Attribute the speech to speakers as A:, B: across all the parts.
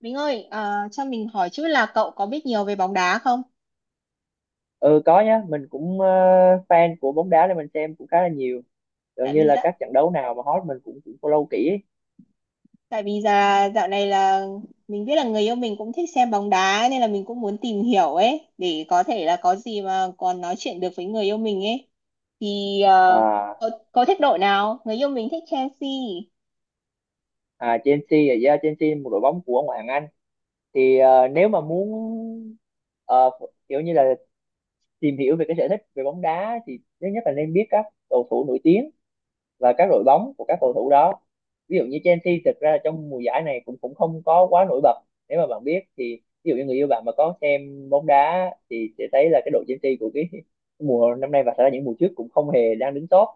A: Mình ơi, cho mình hỏi chút là cậu có biết nhiều về bóng đá không?
B: Ừ, có nhá. Mình cũng fan của bóng đá nên mình xem cũng khá là nhiều. Gần
A: Tại
B: như
A: vì
B: là
A: dạ,
B: các trận đấu nào mà hot mình cũng cũng follow kỹ.
A: Tại vì dạ, dạo này là mình biết là người yêu mình cũng thích xem bóng đá ấy, nên là mình cũng muốn tìm hiểu ấy để có thể là có gì mà còn nói chuyện được với người yêu mình ấy. Thì
B: à,
A: cậu thích đội nào? Người yêu mình thích Chelsea.
B: à Chelsea là, yeah, Chelsea là một đội bóng của ngoại hạng Anh. Thì nếu mà muốn, ờ, kiểu như là tìm hiểu về cái sở thích về bóng đá thì thứ nhất là nên biết các cầu thủ nổi tiếng và các đội bóng của các cầu thủ đó. Ví dụ như Chelsea, thực ra trong mùa giải này cũng cũng không có quá nổi bật. Nếu mà bạn biết thì ví dụ như người yêu bạn mà có xem bóng đá thì sẽ thấy là cái đội Chelsea của cái mùa năm nay và thật ra những mùa trước cũng không hề đang đứng top,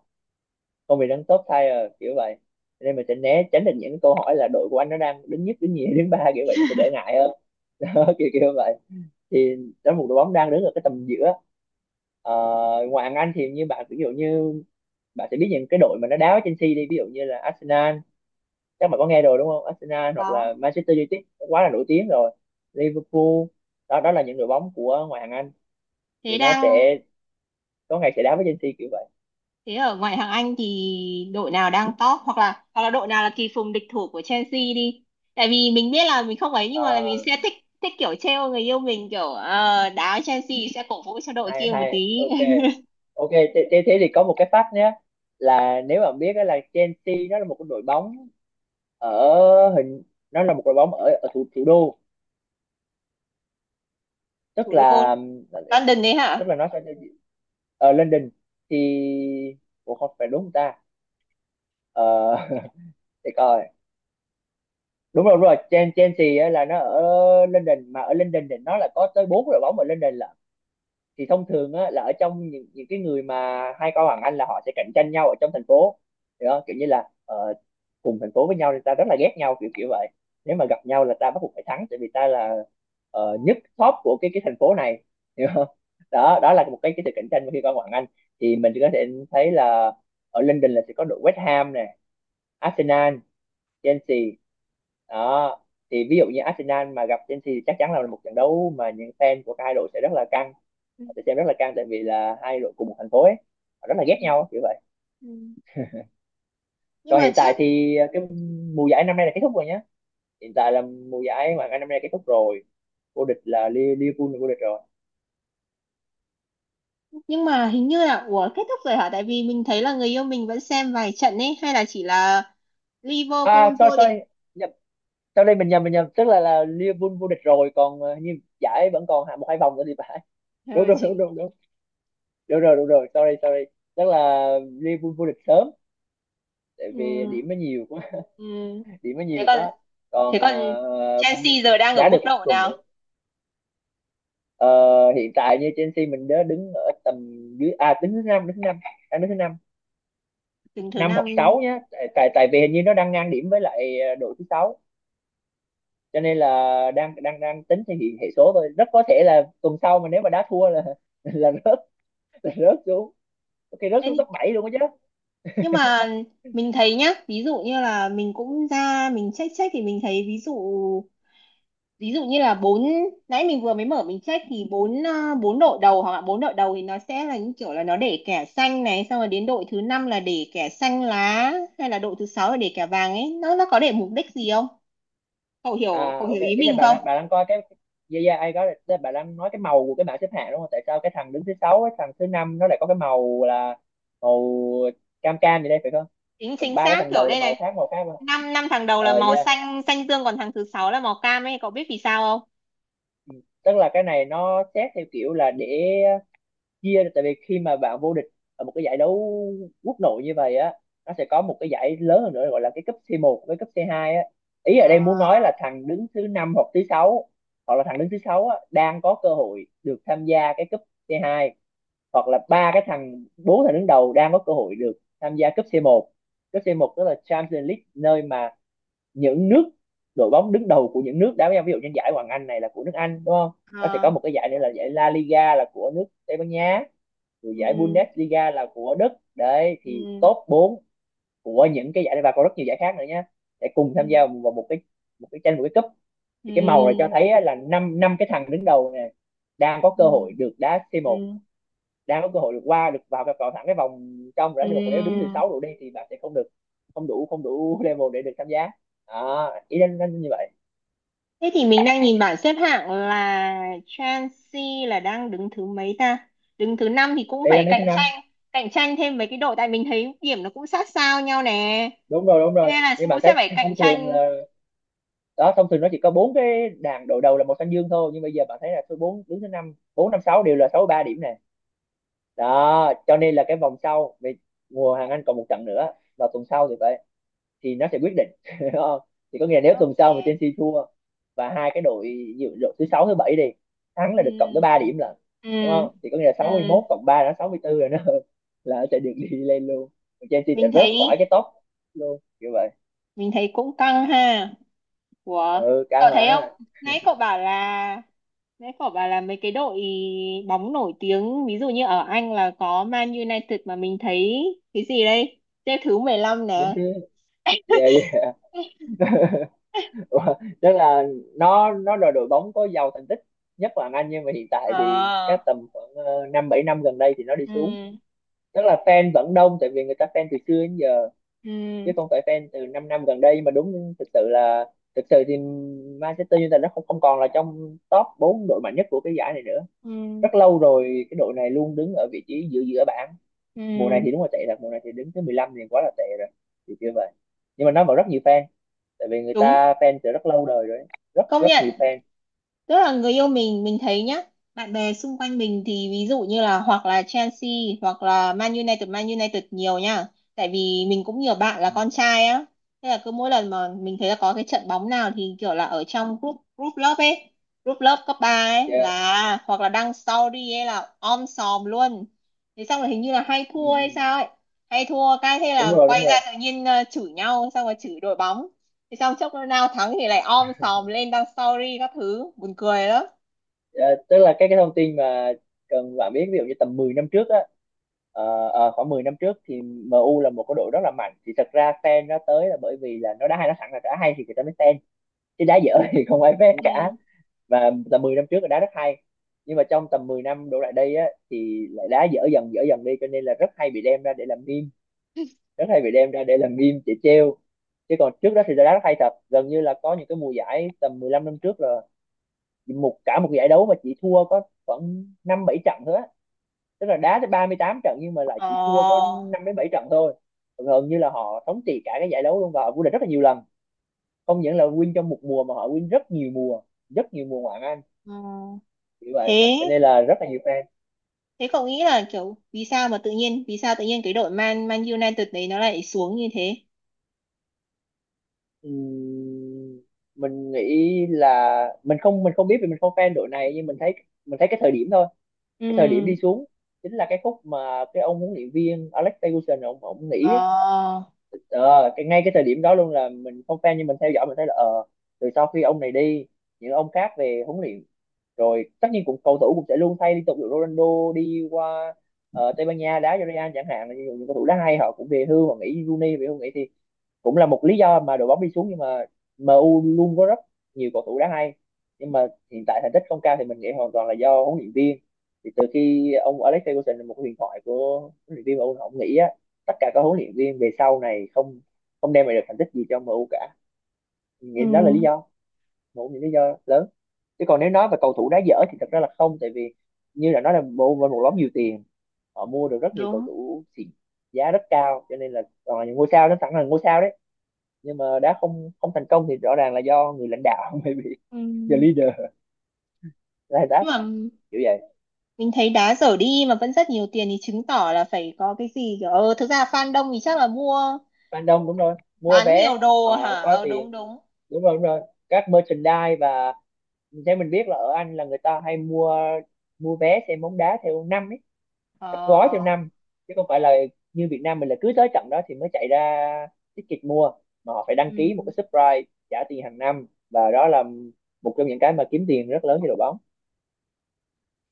B: không hề đứng top tier kiểu vậy. Cho nên mình sẽ né tránh được những câu hỏi là đội của anh nó đang đứng nhất, đứng nhì, đứng ba kiểu vậy, nó sẽ đỡ ngại hơn. Đó, kiểu kiểu vậy. Thì đó là một đội bóng đang đứng ở cái tầm giữa. Ờ, ngoài hàng Anh thì như bạn, ví dụ như bạn sẽ biết những cái đội mà nó đá với Chelsea đi, ví dụ như là Arsenal, chắc bạn có nghe rồi đúng không? Arsenal hoặc là
A: Đó.
B: Manchester United, nó quá là nổi tiếng rồi. Liverpool. Đó, đó là những đội bóng của ngoại hạng Anh, thì
A: Thế
B: nó
A: đang
B: sẽ có ngày sẽ đá với Chelsea kiểu vậy.
A: Thế ở ngoại hạng Anh thì đội nào đang top hoặc là đội nào là kỳ phùng địch thủ của Chelsea đi. Tại vì mình biết là mình không ấy, nhưng mà mình
B: à,
A: sẽ thích thích kiểu trêu người yêu mình, kiểu đá Chelsea sẽ cổ vũ cho đội
B: Hay
A: kia một
B: hay,
A: tí.
B: ok. Ok thế, thế thì có một cái fact nhé, là nếu bạn biết đó là Chelsea, nó là một cái đội bóng ở, hình, nó là một đội bóng ở, ở thủ thủ đô. Tức
A: Thủ đô
B: là,
A: London đấy
B: tức
A: hả?
B: là nó sẽ ở London. Thì ủa, không phải đúng không ta? ờ, để coi. Đúng rồi, đúng rồi, Chelsea á là nó ở London, mà ở London thì nó là có tới bốn đội bóng ở London là, thì thông thường á, là ở trong những cái người mà hai con bằng anh là họ sẽ cạnh tranh nhau ở trong thành phố. Hiểu không? Kiểu như là, cùng thành phố với nhau thì ta rất là ghét nhau kiểu kiểu vậy. Nếu mà gặp nhau là ta bắt buộc phải thắng tại vì ta là, nhất top của cái thành phố này. Hiểu không? Đó, đó là một cái sự cạnh tranh mà khi con bằng anh, thì mình có thể thấy là ở London là sẽ có đội West Ham nè, Arsenal, Chelsea. Đó, thì ví dụ như Arsenal mà gặp Chelsea thì chắc chắn là một trận đấu mà những fan của hai đội sẽ rất là căng,
A: Ừ,
B: họ sẽ xem rất là căng tại vì là hai đội cùng một thành phố ấy, họ rất là ghét
A: ừ,
B: nhau kiểu vậy.
A: ừ. Nhưng
B: Còn
A: mà
B: hiện tại
A: chắc
B: thì cái mùa giải năm nay là kết thúc rồi nhá. Hiện tại là mùa giải mà năm nay kết thúc rồi. Vô địch là, Liverpool là vô địch rồi.
A: nhưng mà hình như là, ủa, kết thúc rồi hả? Tại vì mình thấy là người yêu mình vẫn xem vài trận ấy, hay là chỉ là Liverpool
B: Sorry,
A: vô địch.
B: sorry, nhập sau đây mình nhầm, mình nhầm, tức là Liverpool vô địch rồi, còn như giải vẫn còn hạ một hai vòng nữa thì phải. Đúng,
A: Ừ,
B: đúng, đúng,
A: chị.
B: đúng, đúng. Đúng rồi, đúng rồi, sorry, sorry. Tức là Liverpool vô địch sớm tại vì
A: Ừ.
B: điểm nó nhiều quá.
A: Ừ.
B: Điểm nó
A: Thế
B: nhiều
A: còn
B: quá.
A: thế
B: Còn
A: còn
B: hình như
A: Chelsea giờ đang ở
B: đá được
A: mức
B: một
A: độ
B: tuần nữa.
A: nào?
B: Ờ, hiện tại như Chelsea mình đã đứng ở tầm dưới, à, đứng thứ năm, đang đứng thứ năm,
A: Đứng thứ
B: năm
A: năm.
B: hoặc sáu nhá, tại tại tại vì hình như nó đang ngang điểm với lại, đội thứ sáu. Cho nên là đang đang đang tính thì hiện hệ số thôi, rất có thể là tuần sau mà nếu mà đá thua là là rớt, là rớt xuống. Ok, rớt
A: thế
B: xuống
A: thì-
B: top 7 luôn á, chứ.
A: nhưng mà mình thấy nhá, ví dụ như là mình cũng ra mình check check thì mình thấy ví dụ như là bốn, nãy mình vừa mới mở mình check thì bốn đội đầu, thì nó sẽ là những kiểu là nó để kẻ xanh này, xong rồi đến đội thứ năm là để kẻ xanh lá, hay là đội thứ sáu là để kẻ vàng ấy, nó có để mục đích gì không? cậu hiểu cậu
B: Ok,
A: hiểu ý
B: ý là
A: mình không?
B: bạn đang coi cái, yeah, yeah, ai có, tức là bạn đang nói cái màu của cái bảng xếp hạng đúng không? Tại sao cái thằng đứng thứ sáu, cái thằng thứ năm nó lại có cái màu là màu, cam cam gì đây phải không?
A: chính
B: Còn
A: chính
B: ba cái
A: xác,
B: thằng
A: kiểu
B: đầu là
A: đây
B: màu
A: này.
B: khác, màu khác mà.
A: Năm năm thằng đầu là màu
B: Yeah.
A: xanh xanh dương, còn thằng thứ sáu là màu cam ấy, cậu biết vì sao không?
B: Ừ. Tức là cái này nó xét theo kiểu là để chia, tại vì khi mà bạn vô địch ở một cái giải đấu quốc nội như vậy á, nó sẽ có một cái giải lớn hơn nữa gọi là cái cấp C1 với cấp C2 á. Ý ở đây muốn nói
A: Ờ.
B: là thằng đứng thứ năm hoặc thứ sáu, hoặc là thằng đứng thứ sáu á đang có cơ hội được tham gia cái cấp C2, hoặc là ba cái thằng, bốn thằng đứng đầu đang có cơ hội được tham gia cấp C1. Cấp c một tức là Champions League, nơi mà những nước, đội bóng đứng đầu của những nước đá với nhau. Ví dụ như giải Hoàng Anh này là của nước Anh đúng không? Nó sẽ có
A: Ờ.
B: một cái giải nữa là giải La Liga là của nước Tây Ban Nha, rồi giải
A: Ừ,
B: Bundesliga là của Đức. Đấy, thì
A: ừ,
B: top 4 của những cái giải này và còn rất nhiều giải khác nữa nhé, để cùng
A: ừ,
B: tham gia vào một cái, một cái tranh một cái cúp. Thì cái màu này cho
A: ừ,
B: thấy á, là năm năm cái thằng đứng đầu này đang có cơ
A: ừ,
B: hội được đá C1,
A: ừ,
B: đang có cơ hội được qua được vào, thẳng cái vòng trong rồi
A: ừ.
B: đó, nhưng mà còn nếu đứng từ 6 độ đi thì bạn sẽ không được, không đủ, không đủ level để được tham gia. à, ý đang như vậy.
A: Thế thì mình đang nhìn bảng xếp hạng là Chelsea là đang đứng thứ mấy ta? Đứng thứ năm thì cũng
B: Đây là
A: phải
B: nước thứ năm.
A: cạnh tranh thêm mấy cái đội, tại mình thấy điểm nó cũng sát sao nhau nè.
B: Đúng rồi, đúng
A: Thế
B: rồi,
A: nên là
B: nhưng mà
A: cũng
B: thấy
A: sẽ phải cạnh
B: thông thường
A: tranh.
B: là, đó, thông thường nó chỉ có bốn cái đàn đội đầu là màu xanh dương thôi, nhưng bây giờ bạn thấy là số bốn đứng thứ năm, bốn năm sáu đều là 63 điểm này. Đó cho nên là cái vòng sau về mùa hàng Anh còn một trận nữa vào tuần sau thì vậy thì nó sẽ quyết định. Thì có nghĩa là nếu tuần sau mà
A: Ok.
B: Chelsea thua và hai cái đội, đội thứ sáu, thứ bảy đi thắng
A: Ừ.
B: là được cộng tới 3 điểm, là
A: Ừ.
B: đúng không? Thì có nghĩa là
A: Ừ.
B: 61 cộng 3 là 64 rồi, nó là sẽ được đi lên luôn. Chelsea sẽ
A: Mình
B: rớt
A: thấy
B: khỏi cái top luôn như vậy.
A: mình thấy cũng căng ha. Ủa,
B: Ừ, cao
A: cậu thấy không?
B: mà.
A: Nãy cậu bảo là Nãy cậu bảo là mấy cái đội bóng nổi tiếng, ví dụ như ở Anh là có Man United, mà mình thấy cái gì đây? Xếp thứ 15
B: Đứng
A: nè.
B: thứ, về, ủa, tức là nó là đội bóng có giàu thành tích nhất là Anh, nhưng mà hiện tại
A: Ờ.
B: thì các tầm khoảng, năm bảy năm gần đây thì nó đi
A: Ừ.
B: xuống. Tức là fan vẫn đông tại vì người ta fan từ xưa đến giờ, chứ
A: Ừ.
B: không phải fan từ 5 năm năm gần đây mà. Đúng thực sự là, thực sự thì Manchester United nó không không còn là trong top 4 đội mạnh nhất của cái giải này nữa,
A: Ừ.
B: rất lâu rồi. Cái đội này luôn đứng ở vị trí giữa, giữa bảng.
A: Ừ.
B: Mùa này thì đúng là tệ thật, mùa này thì đứng thứ 15 thì quá là tệ rồi, thì chưa vậy. Nhưng mà nó vẫn rất nhiều fan tại vì người
A: Đúng.
B: ta fan từ rất lâu đời rồi ấy. Rất
A: Công
B: rất
A: nhận,
B: nhiều fan.
A: tức là người yêu mình thấy nhá, bạn bè xung quanh mình thì ví dụ như là hoặc là Chelsea, hoặc là Man United, Man United nhiều nha, tại vì mình cũng nhiều bạn là
B: Ừ.
A: con trai á. Thế là cứ mỗi lần mà mình thấy là có cái trận bóng nào thì kiểu là ở trong group group lớp ấy, group lớp cấp 3 ấy,
B: Dạ.
A: là hoặc là đăng story ấy là om sòm luôn. Thế xong rồi hình như là hay
B: Ừ,
A: thua
B: ừ.
A: hay sao ấy, hay thua cái thế
B: đúng
A: là
B: rồi đúng
A: quay
B: rồi
A: ra tự nhiên chửi nhau, xong rồi chửi đội bóng. Thì xong chốc nó nào thắng thì lại om sòm lên đăng story các thứ buồn cười lắm.
B: Dạ, tức là cái thông tin mà cần bạn biết, ví dụ như tầm 10 năm trước á. Khoảng 10 năm trước thì MU là một cái đội rất là mạnh. Thì thật ra fan nó tới là bởi vì là nó đá hay, nó sẵn là đã hay thì người ta mới fan, chứ đá dở thì không ai fan cả.
A: Ừ.
B: Và tầm 10 năm trước là đá rất hay, nhưng mà trong tầm 10 năm đổ lại đây á thì lại đá dở dần đi, cho nên là rất hay bị đem ra để làm meme, rất hay bị đem ra để làm meme để trêu. Chứ còn trước đó thì đá rất hay thật, gần như là có những cái mùa giải tầm 15 năm trước là cả một giải đấu mà chỉ thua có khoảng năm bảy trận thôi á. Tức là đá tới 38 trận nhưng mà lại chỉ thua có
A: Ồ,
B: 5 đến 7 trận thôi. Gần như là họ thống trị cả cái giải đấu luôn và họ vô địch rất là nhiều lần. Không những là win trong một mùa mà họ win rất nhiều mùa, rất nhiều mùa ngoạn hạng Anh
A: ờ, ừ.
B: như vậy,
A: thế
B: cho nên là rất là nhiều fan.
A: thế cậu nghĩ là kiểu, vì sao tự nhiên cái đội Man Man United đấy nó lại xuống như thế?
B: Ừm, mình nghĩ là mình không biết vì mình không fan đội này, nhưng mình thấy cái thời điểm thôi. Cái thời điểm
A: Ừ.
B: đi xuống chính là cái khúc mà cái ông huấn luyện viên Alex Ferguson ông nghỉ.
A: Ờ,
B: ờ, cái ngay cái thời điểm đó luôn là mình không fan nhưng mình theo dõi mình thấy là từ sau khi ông này đi, những ông khác về huấn luyện, rồi tất nhiên cũng cầu thủ cũng sẽ luôn thay liên tục, ví dụ Ronaldo đi qua Tây Ban Nha đá cho Real chẳng hạn, là những cầu thủ đá hay họ cũng về hưu, họ nghỉ, Rooney về hưu nghỉ, thì cũng là một lý do mà đội bóng đi xuống. Nhưng mà MU luôn có rất nhiều cầu thủ đáng hay, nhưng mà hiện tại thành tích không cao thì mình nghĩ hoàn toàn là do huấn luyện viên. Thì từ khi ông Alex Ferguson là một huyền thoại của huấn luyện viên MU ông nghĩ á, tất cả các huấn luyện viên về sau này không không đem lại được thành tích gì cho MU cả. Mình nghĩ
A: ừ.
B: đó là lý do, một những lý do lớn. Chứ còn nếu nói về cầu thủ đá dở thì thật ra là không, tại vì như là nói là MU với một nhóm nhiều tiền, họ mua được rất nhiều cầu
A: Đúng.
B: thủ xịn giá rất cao, cho nên là toàn là những ngôi sao, nó sẵn là ngôi sao đấy, nhưng mà đã không không thành công thì rõ ràng là do người lãnh đạo. Maybe
A: Ừ.
B: the leader là that,
A: Nhưng mà
B: kiểu vậy.
A: mình thấy đá dở đi mà vẫn rất nhiều tiền thì chứng tỏ là phải có cái gì, kiểu thực ra fan đông thì chắc là mua
B: Fan đông, đúng rồi, mua
A: bán
B: vé,
A: nhiều đồ
B: họ
A: hả?
B: có
A: Ờ, đúng
B: tiền,
A: đúng.
B: đúng rồi, đúng rồi, các merchandise. Và theo mình biết là ở Anh là người ta hay mua mua vé xem bóng đá theo năm ấy, các gói theo
A: Ờ,
B: năm, chứ không phải là như Việt Nam mình là cứ tới trận đó thì mới chạy ra ticket mua, mà họ phải đăng
A: ừ.
B: ký một cái subscribe, trả tiền hàng năm. Và đó là một trong những cái mà kiếm tiền rất lớn cho đội bóng.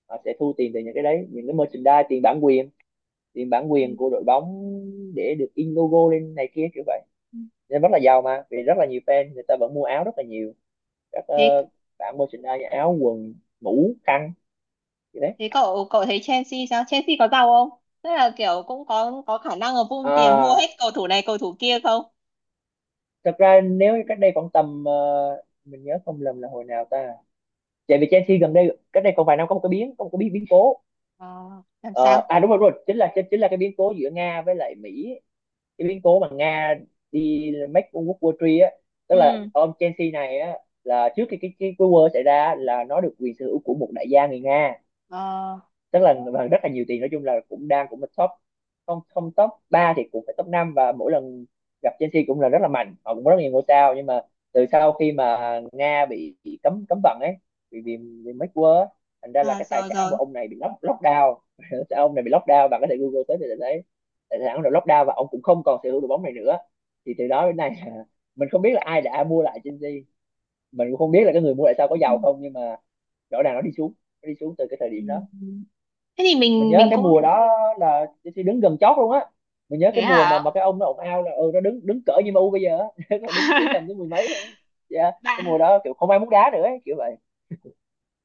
B: Họ sẽ thu tiền từ những cái đấy, những cái merchandise, tiền bản quyền tiền bản
A: Ừ.
B: quyền của đội bóng, để được in logo lên này kia kiểu vậy. Nên rất là giàu mà, vì rất là nhiều fan người ta vẫn mua áo rất là nhiều các
A: thế
B: bạn, merchandise, áo quần, mũ khăn gì đấy.
A: Thế cậu cậu thấy Chelsea sao? Chelsea có giàu không? Tức là kiểu cũng có khả năng là vung tiền mua
B: À,
A: hết cầu thủ này, cầu thủ kia không?
B: thật ra nếu cách đây khoảng tầm mình nhớ không lầm là hồi nào ta, chạy vì Chelsea gần đây cách đây còn vài năm có một cái biến có một cái biến biến cố.
A: Ờ, làm
B: Ờ,
A: sao?
B: À đúng rồi, đúng rồi, chính là chính là cái biến cố giữa Nga với lại Mỹ, cái biến cố mà Nga đi make World War III á. Tức là
A: Ừ.
B: ông Chelsea này á, là trước khi cái war xảy ra á, là nó được quyền sở hữu của một đại gia người Nga.
A: Ờ,
B: Tức là và rất là nhiều tiền, nói chung là cũng đang, cũng là top, không không top 3 thì cũng phải top năm. Và mỗi lần gặp Chelsea cũng là rất là mạnh, họ cũng có rất nhiều ngôi sao. Nhưng mà từ sau khi mà Nga bị cấm cấm vận ấy, vì vì, vì mấy quơ, thành ra là
A: à,
B: cái tài
A: rồi
B: sản
A: rồi.
B: của ông này bị lockdown. Ông này bị lockdown, bạn có thể Google tới thì sẽ thấy tài sản rồi lockdown, và ông cũng không còn sở hữu đội bóng này nữa. Thì từ đó đến nay mình không biết là ai đã mua lại Chelsea, mình cũng không biết là cái người mua lại sao có
A: Ừ.
B: giàu không, nhưng mà rõ ràng nó đi xuống, nó đi xuống từ cái thời điểm đó.
A: Ừ. Thế thì
B: Mình
A: mình
B: nhớ
A: mình
B: cái
A: cũng
B: mùa đó là Chelsea đứng gần chót luôn á, mình nhớ
A: thế
B: cái mùa mà
A: hả?
B: cái ông nó ồn ào là nó đứng đứng cỡ
A: Ừ.
B: như em u bây giờ á. Nó đứng tới tầm tới mười mấy thôi, dạ cái mùa đó kiểu không ai muốn đá nữa ấy, kiểu vậy.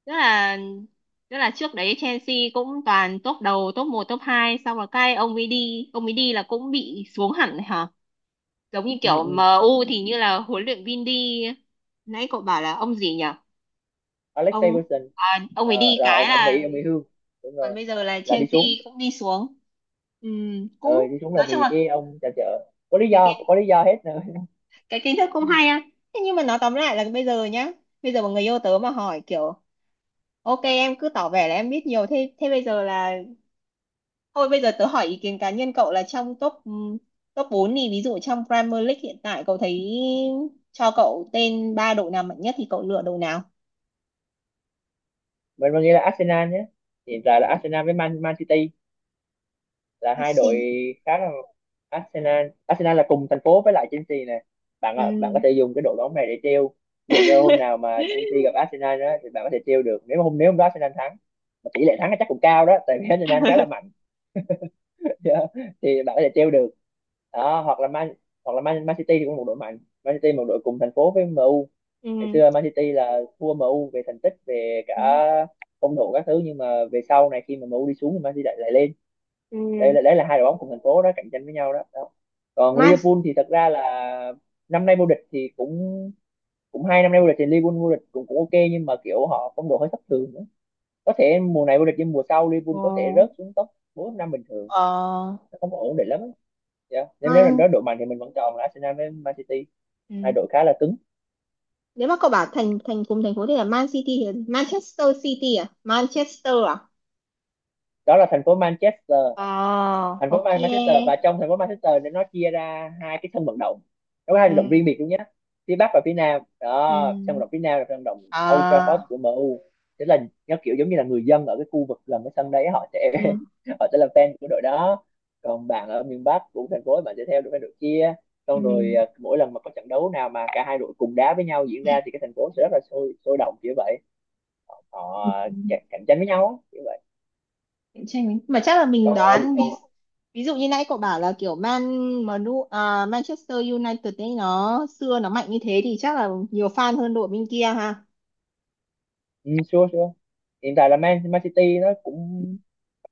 A: Tức là tức là trước đấy Chelsea cũng toàn top đầu, top một, top hai, xong rồi cái ông ấy đi là cũng bị xuống hẳn hả? Giống như
B: Ừ,
A: kiểu
B: ừ.
A: MU thì như là huấn luyện viên đi, nãy cậu bảo là ông gì nhỉ?
B: Alex
A: Ông
B: Ferguson.
A: ông ấy
B: Ờ,
A: đi
B: là
A: cái
B: ông
A: là,
B: nghỉ, ông nghỉ hưu, đúng
A: còn
B: rồi.
A: bây giờ là
B: Là đi
A: Chelsea
B: xuống.
A: cũng đi xuống. Cũng
B: Ờ Đi xuống là
A: nói chung
B: vì
A: là
B: cái ông trà chợ, có lý
A: cái
B: do,
A: kiến
B: có lý do hết nữa.
A: cái kiến thức cũng hay á. Thế nhưng mà nói tóm lại là bây giờ nhá, bây giờ mà người yêu tớ mà hỏi kiểu, ok em cứ tỏ vẻ là em biết nhiều thế, thế bây giờ là thôi bây giờ tớ hỏi ý kiến cá nhân cậu là trong top, top 4 thì ví dụ trong Premier League hiện tại, cậu thấy, cho cậu tên ba đội nào mạnh nhất thì cậu lựa đội nào?
B: Mình nghĩ là Arsenal nhé. Hiện tại là Arsenal với Man Man City là hai đội
A: Arsenal.
B: khá là, Arsenal Arsenal là cùng thành phố với lại Chelsea nè, bạn có
A: Ừm.
B: thể dùng cái đội bóng này để treo, ví dụ như hôm nào mà Chelsea gặp Arsenal đó thì bạn có thể treo được. Nếu mà nếu hôm đó Arsenal thắng, mà tỷ lệ thắng là chắc cũng cao đó, tại vì Arsenal khá là mạnh. Thì bạn có thể treo được đó. Hoặc là Man City thì cũng một đội mạnh. Man City một đội cùng thành phố với MU. Ngày
A: Ừm.
B: xưa Man City là thua MU về thành tích, về cả
A: Ừ.
B: phong độ các thứ, nhưng mà về sau này khi mà MU đi xuống thì Man City lại lên.
A: Ừ.
B: Đây là đấy là hai đội bóng cùng thành phố đó, cạnh tranh với nhau đó, đó. Còn
A: Man
B: Liverpool thì thật ra là năm nay vô địch thì cũng cũng 2 năm nay vô địch thì Liverpool vô địch cũng cũng ok, nhưng mà kiểu họ phong độ hơi thất thường nữa, có thể mùa này vô địch nhưng mùa sau Liverpool
A: ờ,
B: có thể rớt xuống top bốn năm bình thường,
A: ờ,
B: nó không có ổn định lắm á. Dạ. Nên nếu là
A: Man
B: đội mạnh thì mình vẫn chọn là Arsenal với Man City,
A: Ừ.
B: hai đội khá là cứng.
A: Nếu mà cậu bảo thành thành cùng thành phố thì là Man City, thì là Manchester City à? Manchester à?
B: Đó là thành phố Manchester,
A: Ờ,
B: thành phố
A: ok.
B: Manchester, và trong thành phố Manchester thì nó chia ra hai cái sân vận động. Nó có hai vận động riêng
A: Ừ.
B: biệt luôn nhé, phía Bắc và phía Nam
A: Ừ.
B: đó. Sân vận động phía Nam là sân vận động Old Trafford
A: À,
B: của MU. Tức là nó kiểu giống như là người dân ở cái khu vực gần cái sân đấy họ sẽ
A: ừ.
B: họ sẽ là fan của đội đó, còn bạn ở miền Bắc của thành phố bạn sẽ theo đội đội kia.
A: Ừ.
B: Xong rồi à, mỗi lần mà có trận đấu nào mà cả hai đội cùng đá với nhau diễn ra thì cái thành phố sẽ rất là sôi sôi động kiểu vậy, họ
A: Ừ.
B: cạnh tranh với nhau á, kiểu vậy.
A: Cạnh tranh ấy, mà chắc là mình
B: còn
A: đoán, ví
B: còn
A: ví dụ như nãy cậu bảo là kiểu Manchester United ấy, nó xưa nó mạnh như thế thì chắc là nhiều fan hơn đội bên kia ha.
B: Ừ, sure, sure. Hiện tại là Man City nó cũng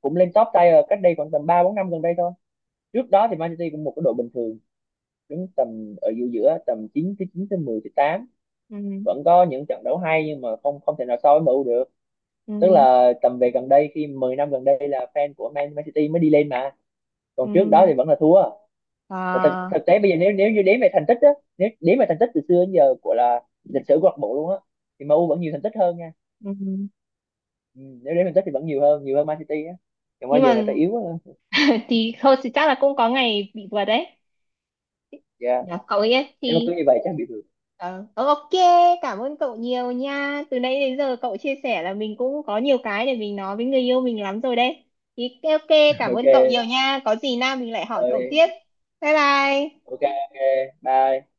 B: cũng lên top tier cách đây khoảng tầm 3 4 năm gần đây thôi. Trước đó thì Man City cũng một cái đội bình thường, đứng tầm ở giữa giữa tầm 9 tới 10 tới 8.
A: Ừ.
B: Vẫn có những trận đấu hay nhưng mà không không thể nào so với MU được.
A: Ừ.
B: Tức là tầm về gần đây khi 10 năm gần đây là fan của Man City mới đi lên mà. Còn trước đó
A: Ừ.
B: thì vẫn là thua. Và thực,
A: À.
B: thực tế bây giờ nếu nếu như đếm về thành tích á, nếu đếm về thành tích từ xưa đến giờ của là lịch sử câu lạc bộ luôn á thì MU vẫn nhiều thành tích hơn nha.
A: Ừ.
B: Ừ, nếu đến Manchester thì vẫn nhiều hơn Man City á, còn bao
A: Nhưng
B: giờ
A: mà
B: người ta yếu á.
A: thì thôi, thì chắc là cũng có ngày bị vượt đấy.
B: Dạ
A: Dạ, cậu ấy
B: nếu mà cứ
A: thì
B: như vậy chắc bị được.
A: ờ, ờ, ok, cảm ơn cậu nhiều nha, từ nãy đến giờ cậu chia sẻ là mình cũng có nhiều cái để mình nói với người yêu mình lắm rồi đấy, thì ok, cảm
B: Ok.
A: ơn cậu nhiều nha, có gì nào mình lại hỏi cậu
B: Ơi.
A: tiếp. Bye bye.
B: Ok, ok, bye.